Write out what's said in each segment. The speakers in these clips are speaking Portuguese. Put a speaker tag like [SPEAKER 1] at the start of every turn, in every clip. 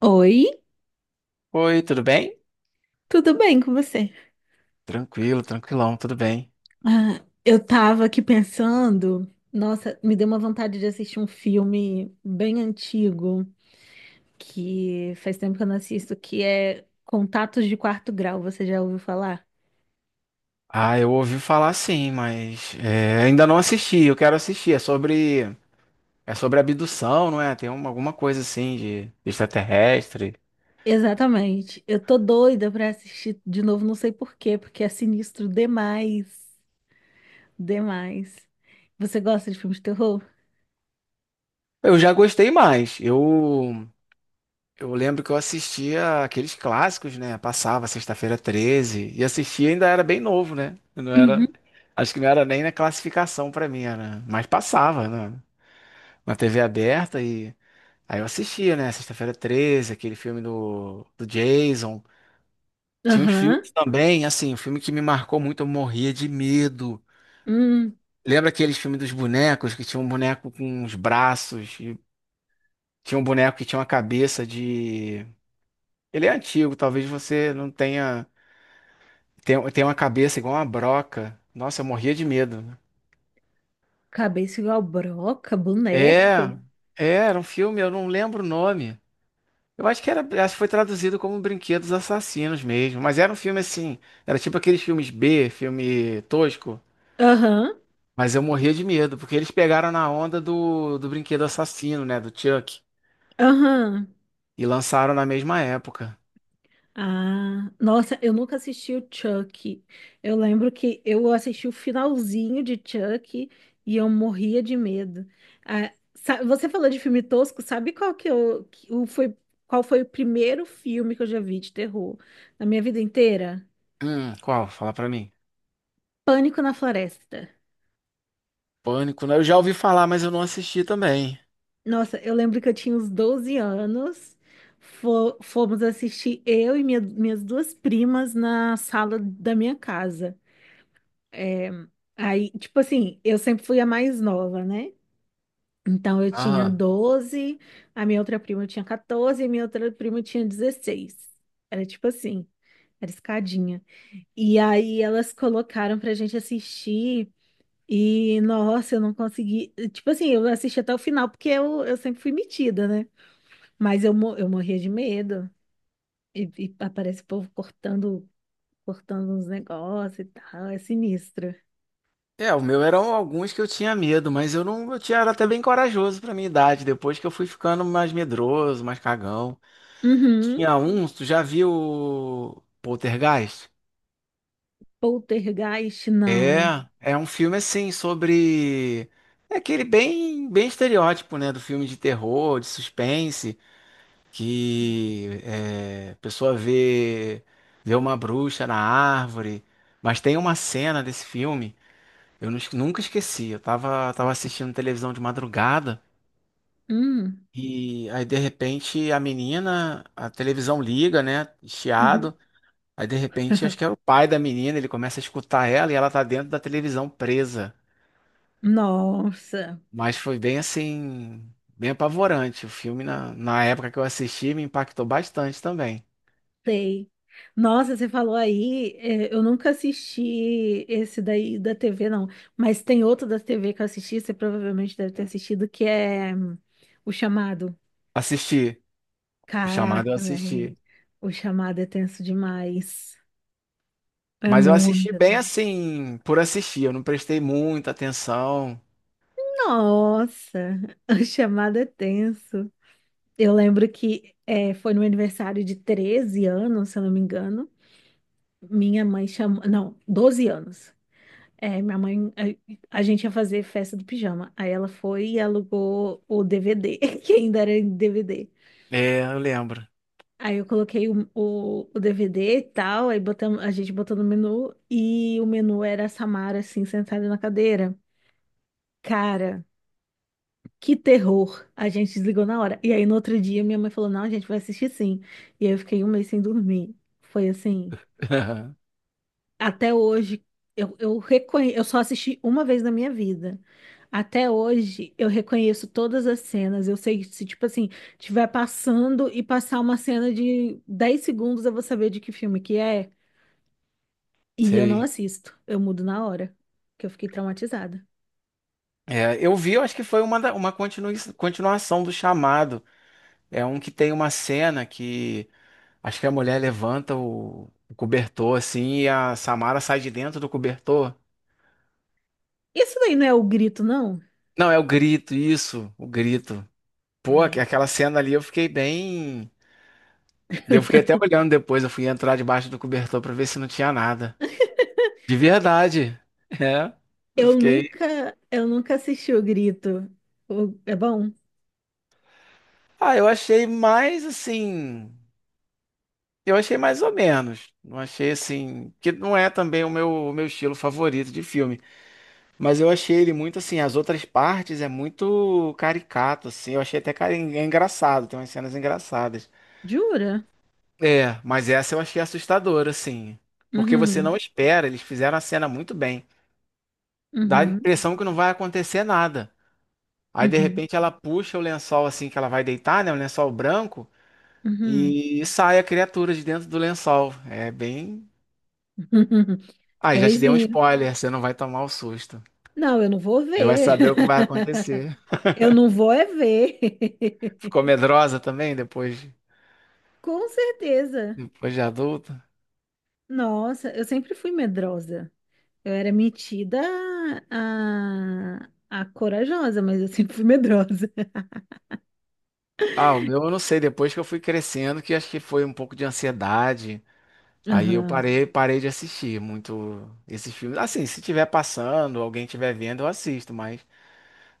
[SPEAKER 1] Oi,
[SPEAKER 2] Oi, tudo bem?
[SPEAKER 1] tudo bem com você?
[SPEAKER 2] Tranquilo, tranquilão, tudo bem.
[SPEAKER 1] Ah, eu tava aqui pensando, nossa, me deu uma vontade de assistir um filme bem antigo, que faz tempo que eu não assisto, que é Contatos de Quarto Grau, você já ouviu falar?
[SPEAKER 2] Ah, eu ouvi falar sim, mas é, ainda não assisti. Eu quero assistir. É sobre abdução, não é? Tem uma, alguma coisa assim de extraterrestre.
[SPEAKER 1] Exatamente. Eu tô doida pra assistir de novo, não sei por quê, porque é sinistro demais, demais. Você gosta de filmes de terror?
[SPEAKER 2] Eu já gostei mais. Eu lembro que eu assistia aqueles clássicos, né? Passava sexta-feira treze e assistia ainda era bem novo, né? Eu não
[SPEAKER 1] Uhum.
[SPEAKER 2] era, acho que não era nem na classificação pra mim, era, mas passava, né? Na TV aberta. E aí eu assistia, né? Sexta-feira 13, aquele filme do Jason. Tinha uns
[SPEAKER 1] Aham.
[SPEAKER 2] filmes também, assim, um filme que me marcou muito, eu morria de medo.
[SPEAKER 1] Hum,
[SPEAKER 2] Lembra aqueles filmes dos bonecos, que tinha um boneco com uns braços, e tinha um boneco que tinha uma cabeça de. Ele é antigo, talvez você não tenha. Tem uma cabeça igual uma broca. Nossa, eu morria de medo, né?
[SPEAKER 1] cabeça igual broca,
[SPEAKER 2] É,
[SPEAKER 1] boneco.
[SPEAKER 2] era um filme, eu não lembro o nome. Eu acho que era, acho que foi traduzido como Brinquedos Assassinos mesmo, mas era um filme assim, era tipo aqueles filmes B, filme tosco,
[SPEAKER 1] Aham.
[SPEAKER 2] mas eu morria de medo, porque eles pegaram na onda do Brinquedo Assassino, né, do Chuck,
[SPEAKER 1] Aham.
[SPEAKER 2] e lançaram na mesma época.
[SPEAKER 1] Ah, nossa, eu nunca assisti o Chuck. Eu lembro que eu assisti o finalzinho de Chuck e eu morria de medo. Ah, você falou de filme tosco, sabe qual foi o primeiro filme que eu já vi de terror na minha vida inteira?
[SPEAKER 2] Qual? Fala pra mim.
[SPEAKER 1] Pânico na Floresta.
[SPEAKER 2] Pânico, né? Eu já ouvi falar, mas eu não assisti também.
[SPEAKER 1] Nossa, eu lembro que eu tinha uns 12 anos. Fomos assistir eu e minhas duas primas na sala da minha casa. É, aí, tipo assim, eu sempre fui a mais nova, né? Então eu tinha
[SPEAKER 2] Aham.
[SPEAKER 1] 12, a minha outra prima tinha 14 e a minha outra prima tinha 16. Era tipo assim, era escadinha. E aí elas colocaram pra gente assistir e, nossa, eu não consegui. Tipo assim, eu assisti até o final porque eu sempre fui metida, né? Mas eu morria de medo. E aparece o povo cortando, uns negócios e tal, é sinistro.
[SPEAKER 2] É, o meu eram alguns que eu tinha medo, mas eu não, eu tinha, era até bem corajoso pra minha idade, depois que eu fui ficando mais medroso, mais cagão.
[SPEAKER 1] Uhum.
[SPEAKER 2] Tinha um, tu já viu o Poltergeist?
[SPEAKER 1] Poltergeist, não.
[SPEAKER 2] É, é um filme assim sobre, é aquele bem estereótipo, né, do filme de terror, de suspense, que é, a pessoa vê uma bruxa na árvore, mas tem uma cena desse filme, eu nunca esqueci. Eu tava assistindo televisão de madrugada
[SPEAKER 1] Hum,
[SPEAKER 2] e aí de repente a menina, a televisão liga, né,
[SPEAKER 1] uhum.
[SPEAKER 2] chiado. Aí de repente acho que era o pai da menina, ele começa a escutar ela e ela tá dentro da televisão presa.
[SPEAKER 1] Nossa,
[SPEAKER 2] Mas foi bem assim, bem apavorante. O filme, na época que eu assisti, me impactou bastante também.
[SPEAKER 1] sei. Nossa, você falou aí, é, eu nunca assisti esse daí da TV, não. Mas tem outro da TV que eu assisti, você provavelmente deve ter assistido, que é O Chamado.
[SPEAKER 2] Assisti, o chamado eu
[SPEAKER 1] Caraca, velho.
[SPEAKER 2] assisti.
[SPEAKER 1] O Chamado é tenso demais. É
[SPEAKER 2] Mas eu assisti
[SPEAKER 1] muito
[SPEAKER 2] bem
[SPEAKER 1] tenso.
[SPEAKER 2] assim, por assistir. Eu não prestei muita atenção.
[SPEAKER 1] Nossa, o chamado é tenso. Eu lembro que foi no meu aniversário de 13 anos, se eu não me engano. Minha mãe chamou, não, 12 anos. É, minha mãe, a gente ia fazer festa do pijama. Aí ela foi e alugou o DVD, que ainda era em DVD.
[SPEAKER 2] É, eu lembro.
[SPEAKER 1] Aí eu coloquei o DVD e tal, aí botamos, a gente botou no menu e o menu era a Samara assim sentada na cadeira. Cara, que terror. A gente desligou na hora. E aí no outro dia minha mãe falou: "Não, a gente vai assistir sim". E aí eu fiquei um mês sem dormir. Foi assim, até hoje, eu só assisti uma vez na minha vida. Até hoje, eu reconheço todas as cenas. Eu sei que se, tipo assim, tiver passando e passar uma cena de 10 segundos, eu vou saber de que filme que é. E eu não
[SPEAKER 2] Sei.
[SPEAKER 1] assisto. Eu mudo na hora, que eu fiquei traumatizada.
[SPEAKER 2] É, eu vi, eu acho que foi uma, uma continuação do chamado. É um que tem uma cena que acho que a mulher levanta o cobertor assim e a Samara sai de dentro do cobertor.
[SPEAKER 1] Isso daí não é o grito, não?
[SPEAKER 2] Não, é o grito, isso, o grito. Pô,
[SPEAKER 1] É.
[SPEAKER 2] aquela cena ali eu fiquei bem. Eu fiquei até olhando depois, eu fui entrar debaixo do cobertor pra ver se não tinha nada. De verdade. É. Eu
[SPEAKER 1] Eu
[SPEAKER 2] fiquei.
[SPEAKER 1] nunca, eu nunca assisti o grito. É bom?
[SPEAKER 2] Ah, eu achei mais assim. Eu achei mais ou menos. Não achei assim. Que não é também o meu estilo favorito de filme. Mas eu achei ele muito assim. As outras partes é muito caricato, assim. Eu achei até é engraçado. Tem umas cenas engraçadas.
[SPEAKER 1] Jura?
[SPEAKER 2] É, mas essa eu achei assustadora, assim. Porque você não
[SPEAKER 1] Uhum,
[SPEAKER 2] espera. Eles fizeram a cena muito bem. Dá a
[SPEAKER 1] uhum,
[SPEAKER 2] impressão que não vai acontecer nada. Aí de
[SPEAKER 1] uhum,
[SPEAKER 2] repente ela puxa o lençol assim que ela vai deitar, né? Um lençol branco
[SPEAKER 1] uhum,
[SPEAKER 2] e sai a criatura de dentro do lençol. É bem.
[SPEAKER 1] uhum. É.
[SPEAKER 2] Aí já te dei um spoiler, você não vai tomar o susto.
[SPEAKER 1] Não, eu não vou
[SPEAKER 2] Você vai
[SPEAKER 1] ver.
[SPEAKER 2] saber o que vai acontecer.
[SPEAKER 1] Eu não vou é ver.
[SPEAKER 2] Ficou medrosa também depois,
[SPEAKER 1] Com certeza.
[SPEAKER 2] depois de adulta?
[SPEAKER 1] Nossa, eu sempre fui medrosa. Eu era metida a corajosa, mas eu sempre fui medrosa.
[SPEAKER 2] Ah, o meu eu não sei, depois que eu fui crescendo, que acho que foi um pouco de ansiedade. Aí eu
[SPEAKER 1] Aham,
[SPEAKER 2] parei de assistir muito esses filmes. Assim, se tiver passando, alguém estiver vendo, eu assisto, mas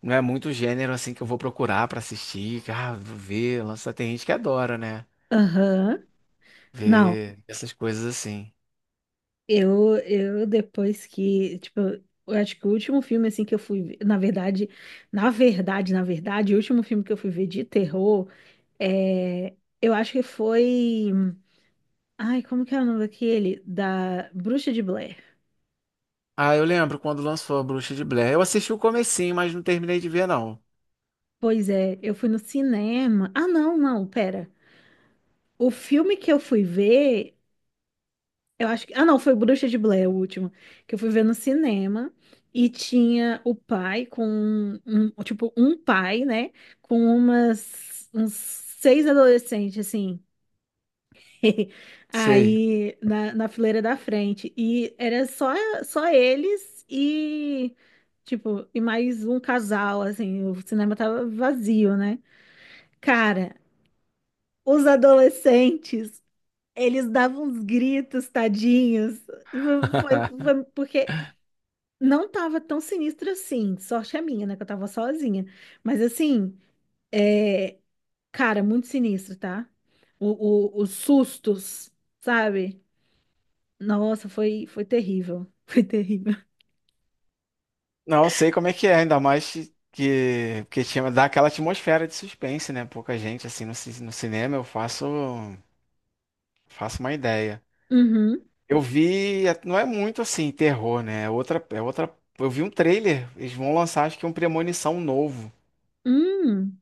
[SPEAKER 2] não é muito gênero assim que eu vou procurar pra assistir, que, ah, vou ver, lança, tem gente que adora, né?
[SPEAKER 1] aham. Não,
[SPEAKER 2] Ver essas coisas assim.
[SPEAKER 1] eu depois que, tipo, eu acho que o último filme, assim, que eu fui ver, na verdade, o último filme que eu fui ver de terror, é, eu acho que foi, ai, como que é o nome daquele? Da Bruxa de Blair.
[SPEAKER 2] Ah, eu lembro quando lançou a Bruxa de Blair. Eu assisti o comecinho, mas não terminei de ver, não.
[SPEAKER 1] Pois é, eu fui no cinema. Ah, não, não, pera. O filme que eu fui ver, eu acho que, ah, não, foi Bruxa de Blair, o último. Que eu fui ver no cinema. E tinha o pai com. Tipo, um pai, né? Com uns 6 adolescentes, assim.
[SPEAKER 2] Sei.
[SPEAKER 1] Aí na fileira da frente. E era só eles e, tipo, e mais um casal, assim, o cinema tava vazio, né? Cara, os adolescentes, eles davam uns gritos, tadinhos. Foi, foi porque não tava tão sinistro assim. Sorte a minha, né? Que eu tava sozinha. Mas assim, é, cara, muito sinistro, tá? Os sustos, sabe? Nossa, foi terrível. Foi terrível.
[SPEAKER 2] Não, eu sei como é que é, ainda mais que tinha, dá aquela atmosfera de suspense, né? Pouca gente assim no, no cinema, eu faço uma ideia.
[SPEAKER 1] Uhum.
[SPEAKER 2] Eu vi, não é muito assim terror, né? É outra, eu vi um trailer, eles vão lançar acho que um Premonição novo.
[SPEAKER 1] Hum.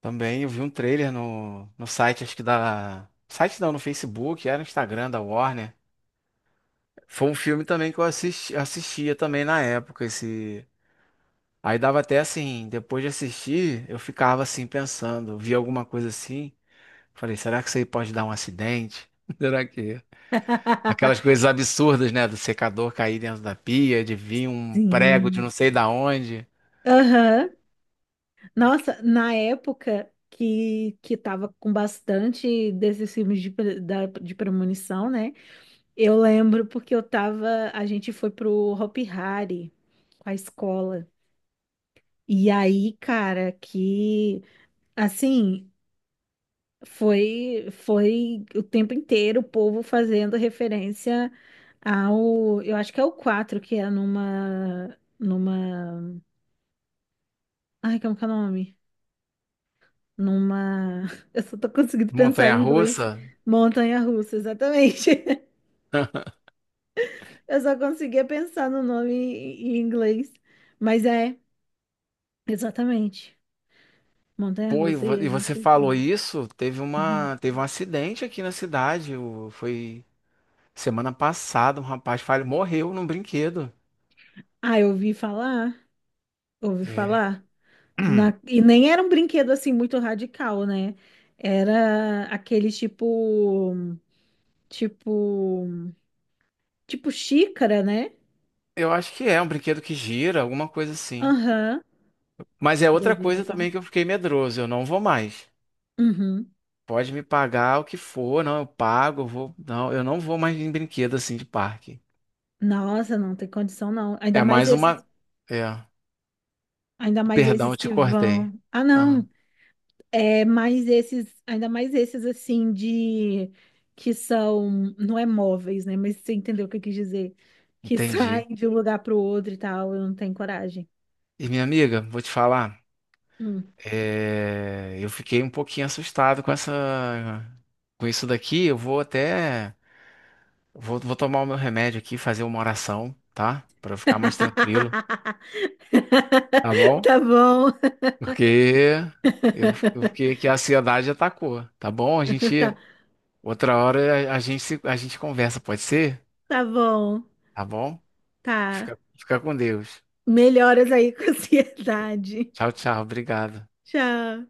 [SPEAKER 2] Também eu vi um trailer no site, acho que da. Site não, no Facebook, era no Instagram da Warner. Foi um filme também que eu assisti, assistia também na época. Esse... Aí dava até assim, depois de assistir, eu ficava assim pensando, via alguma coisa assim. Falei, será que isso aí pode dar um acidente? Será que. Aquelas coisas absurdas, né? Do secador cair dentro da pia, de vir um prego de
[SPEAKER 1] Sim.
[SPEAKER 2] não sei da onde,
[SPEAKER 1] Aham. Nossa, na época que tava com bastante desses filmes de premonição, né? Eu lembro porque eu tava. A gente foi pro Hopi Hari com a escola. E aí, cara, que assim. Foi o tempo inteiro o povo fazendo referência ao, eu acho que é o 4 que é numa, ai, como que é o nome? Numa, eu só tô conseguindo pensar em inglês,
[SPEAKER 2] montanha-russa.
[SPEAKER 1] montanha-russa, exatamente. Eu só conseguia pensar no nome em inglês, mas exatamente,
[SPEAKER 2] Pô,
[SPEAKER 1] montanha-russa e a
[SPEAKER 2] e você
[SPEAKER 1] gente...
[SPEAKER 2] falou isso?
[SPEAKER 1] Uhum.
[SPEAKER 2] Teve um acidente aqui na cidade. Foi semana passada, um rapaz falho morreu num brinquedo.
[SPEAKER 1] Ah, eu ouvi falar, ouvi
[SPEAKER 2] É.
[SPEAKER 1] falar. E nem era um brinquedo assim muito radical, né? Era aquele tipo, tipo xícara, né?
[SPEAKER 2] Eu acho que é um brinquedo que gira, alguma coisa assim.
[SPEAKER 1] Aham.
[SPEAKER 2] Mas é outra
[SPEAKER 1] Doideira,
[SPEAKER 2] coisa
[SPEAKER 1] tá?
[SPEAKER 2] também que eu fiquei medroso. Eu não vou mais.
[SPEAKER 1] Uhum.
[SPEAKER 2] Pode me pagar o que for, não, eu pago, eu vou. Não, eu não vou mais em brinquedo assim de parque.
[SPEAKER 1] Nossa, não tem condição não.
[SPEAKER 2] É mais uma. É.
[SPEAKER 1] Ainda mais
[SPEAKER 2] Perdão,
[SPEAKER 1] esses
[SPEAKER 2] eu te
[SPEAKER 1] que vão.
[SPEAKER 2] cortei.
[SPEAKER 1] Ah,
[SPEAKER 2] Ah,
[SPEAKER 1] não. Ainda mais esses assim de que são, não é móveis, né? Mas você entendeu o que eu quis dizer? Que
[SPEAKER 2] entendi.
[SPEAKER 1] saem de um lugar para o outro e tal. Eu não tenho coragem.
[SPEAKER 2] E minha amiga, vou te falar. É, eu fiquei um pouquinho assustado com essa, com isso daqui. Vou, vou tomar o meu remédio aqui, fazer uma oração, tá? Pra eu ficar mais tranquilo, tá bom?
[SPEAKER 1] Tá bom,
[SPEAKER 2] Porque eu fiquei que a ansiedade atacou, tá bom?
[SPEAKER 1] tá,
[SPEAKER 2] Outra hora a gente a gente conversa, pode ser?
[SPEAKER 1] tá bom,
[SPEAKER 2] Tá bom?
[SPEAKER 1] tá.
[SPEAKER 2] Fica, fica com Deus.
[SPEAKER 1] Melhoras aí com a ansiedade.
[SPEAKER 2] Tchau, tchau. Obrigado.
[SPEAKER 1] Tchau.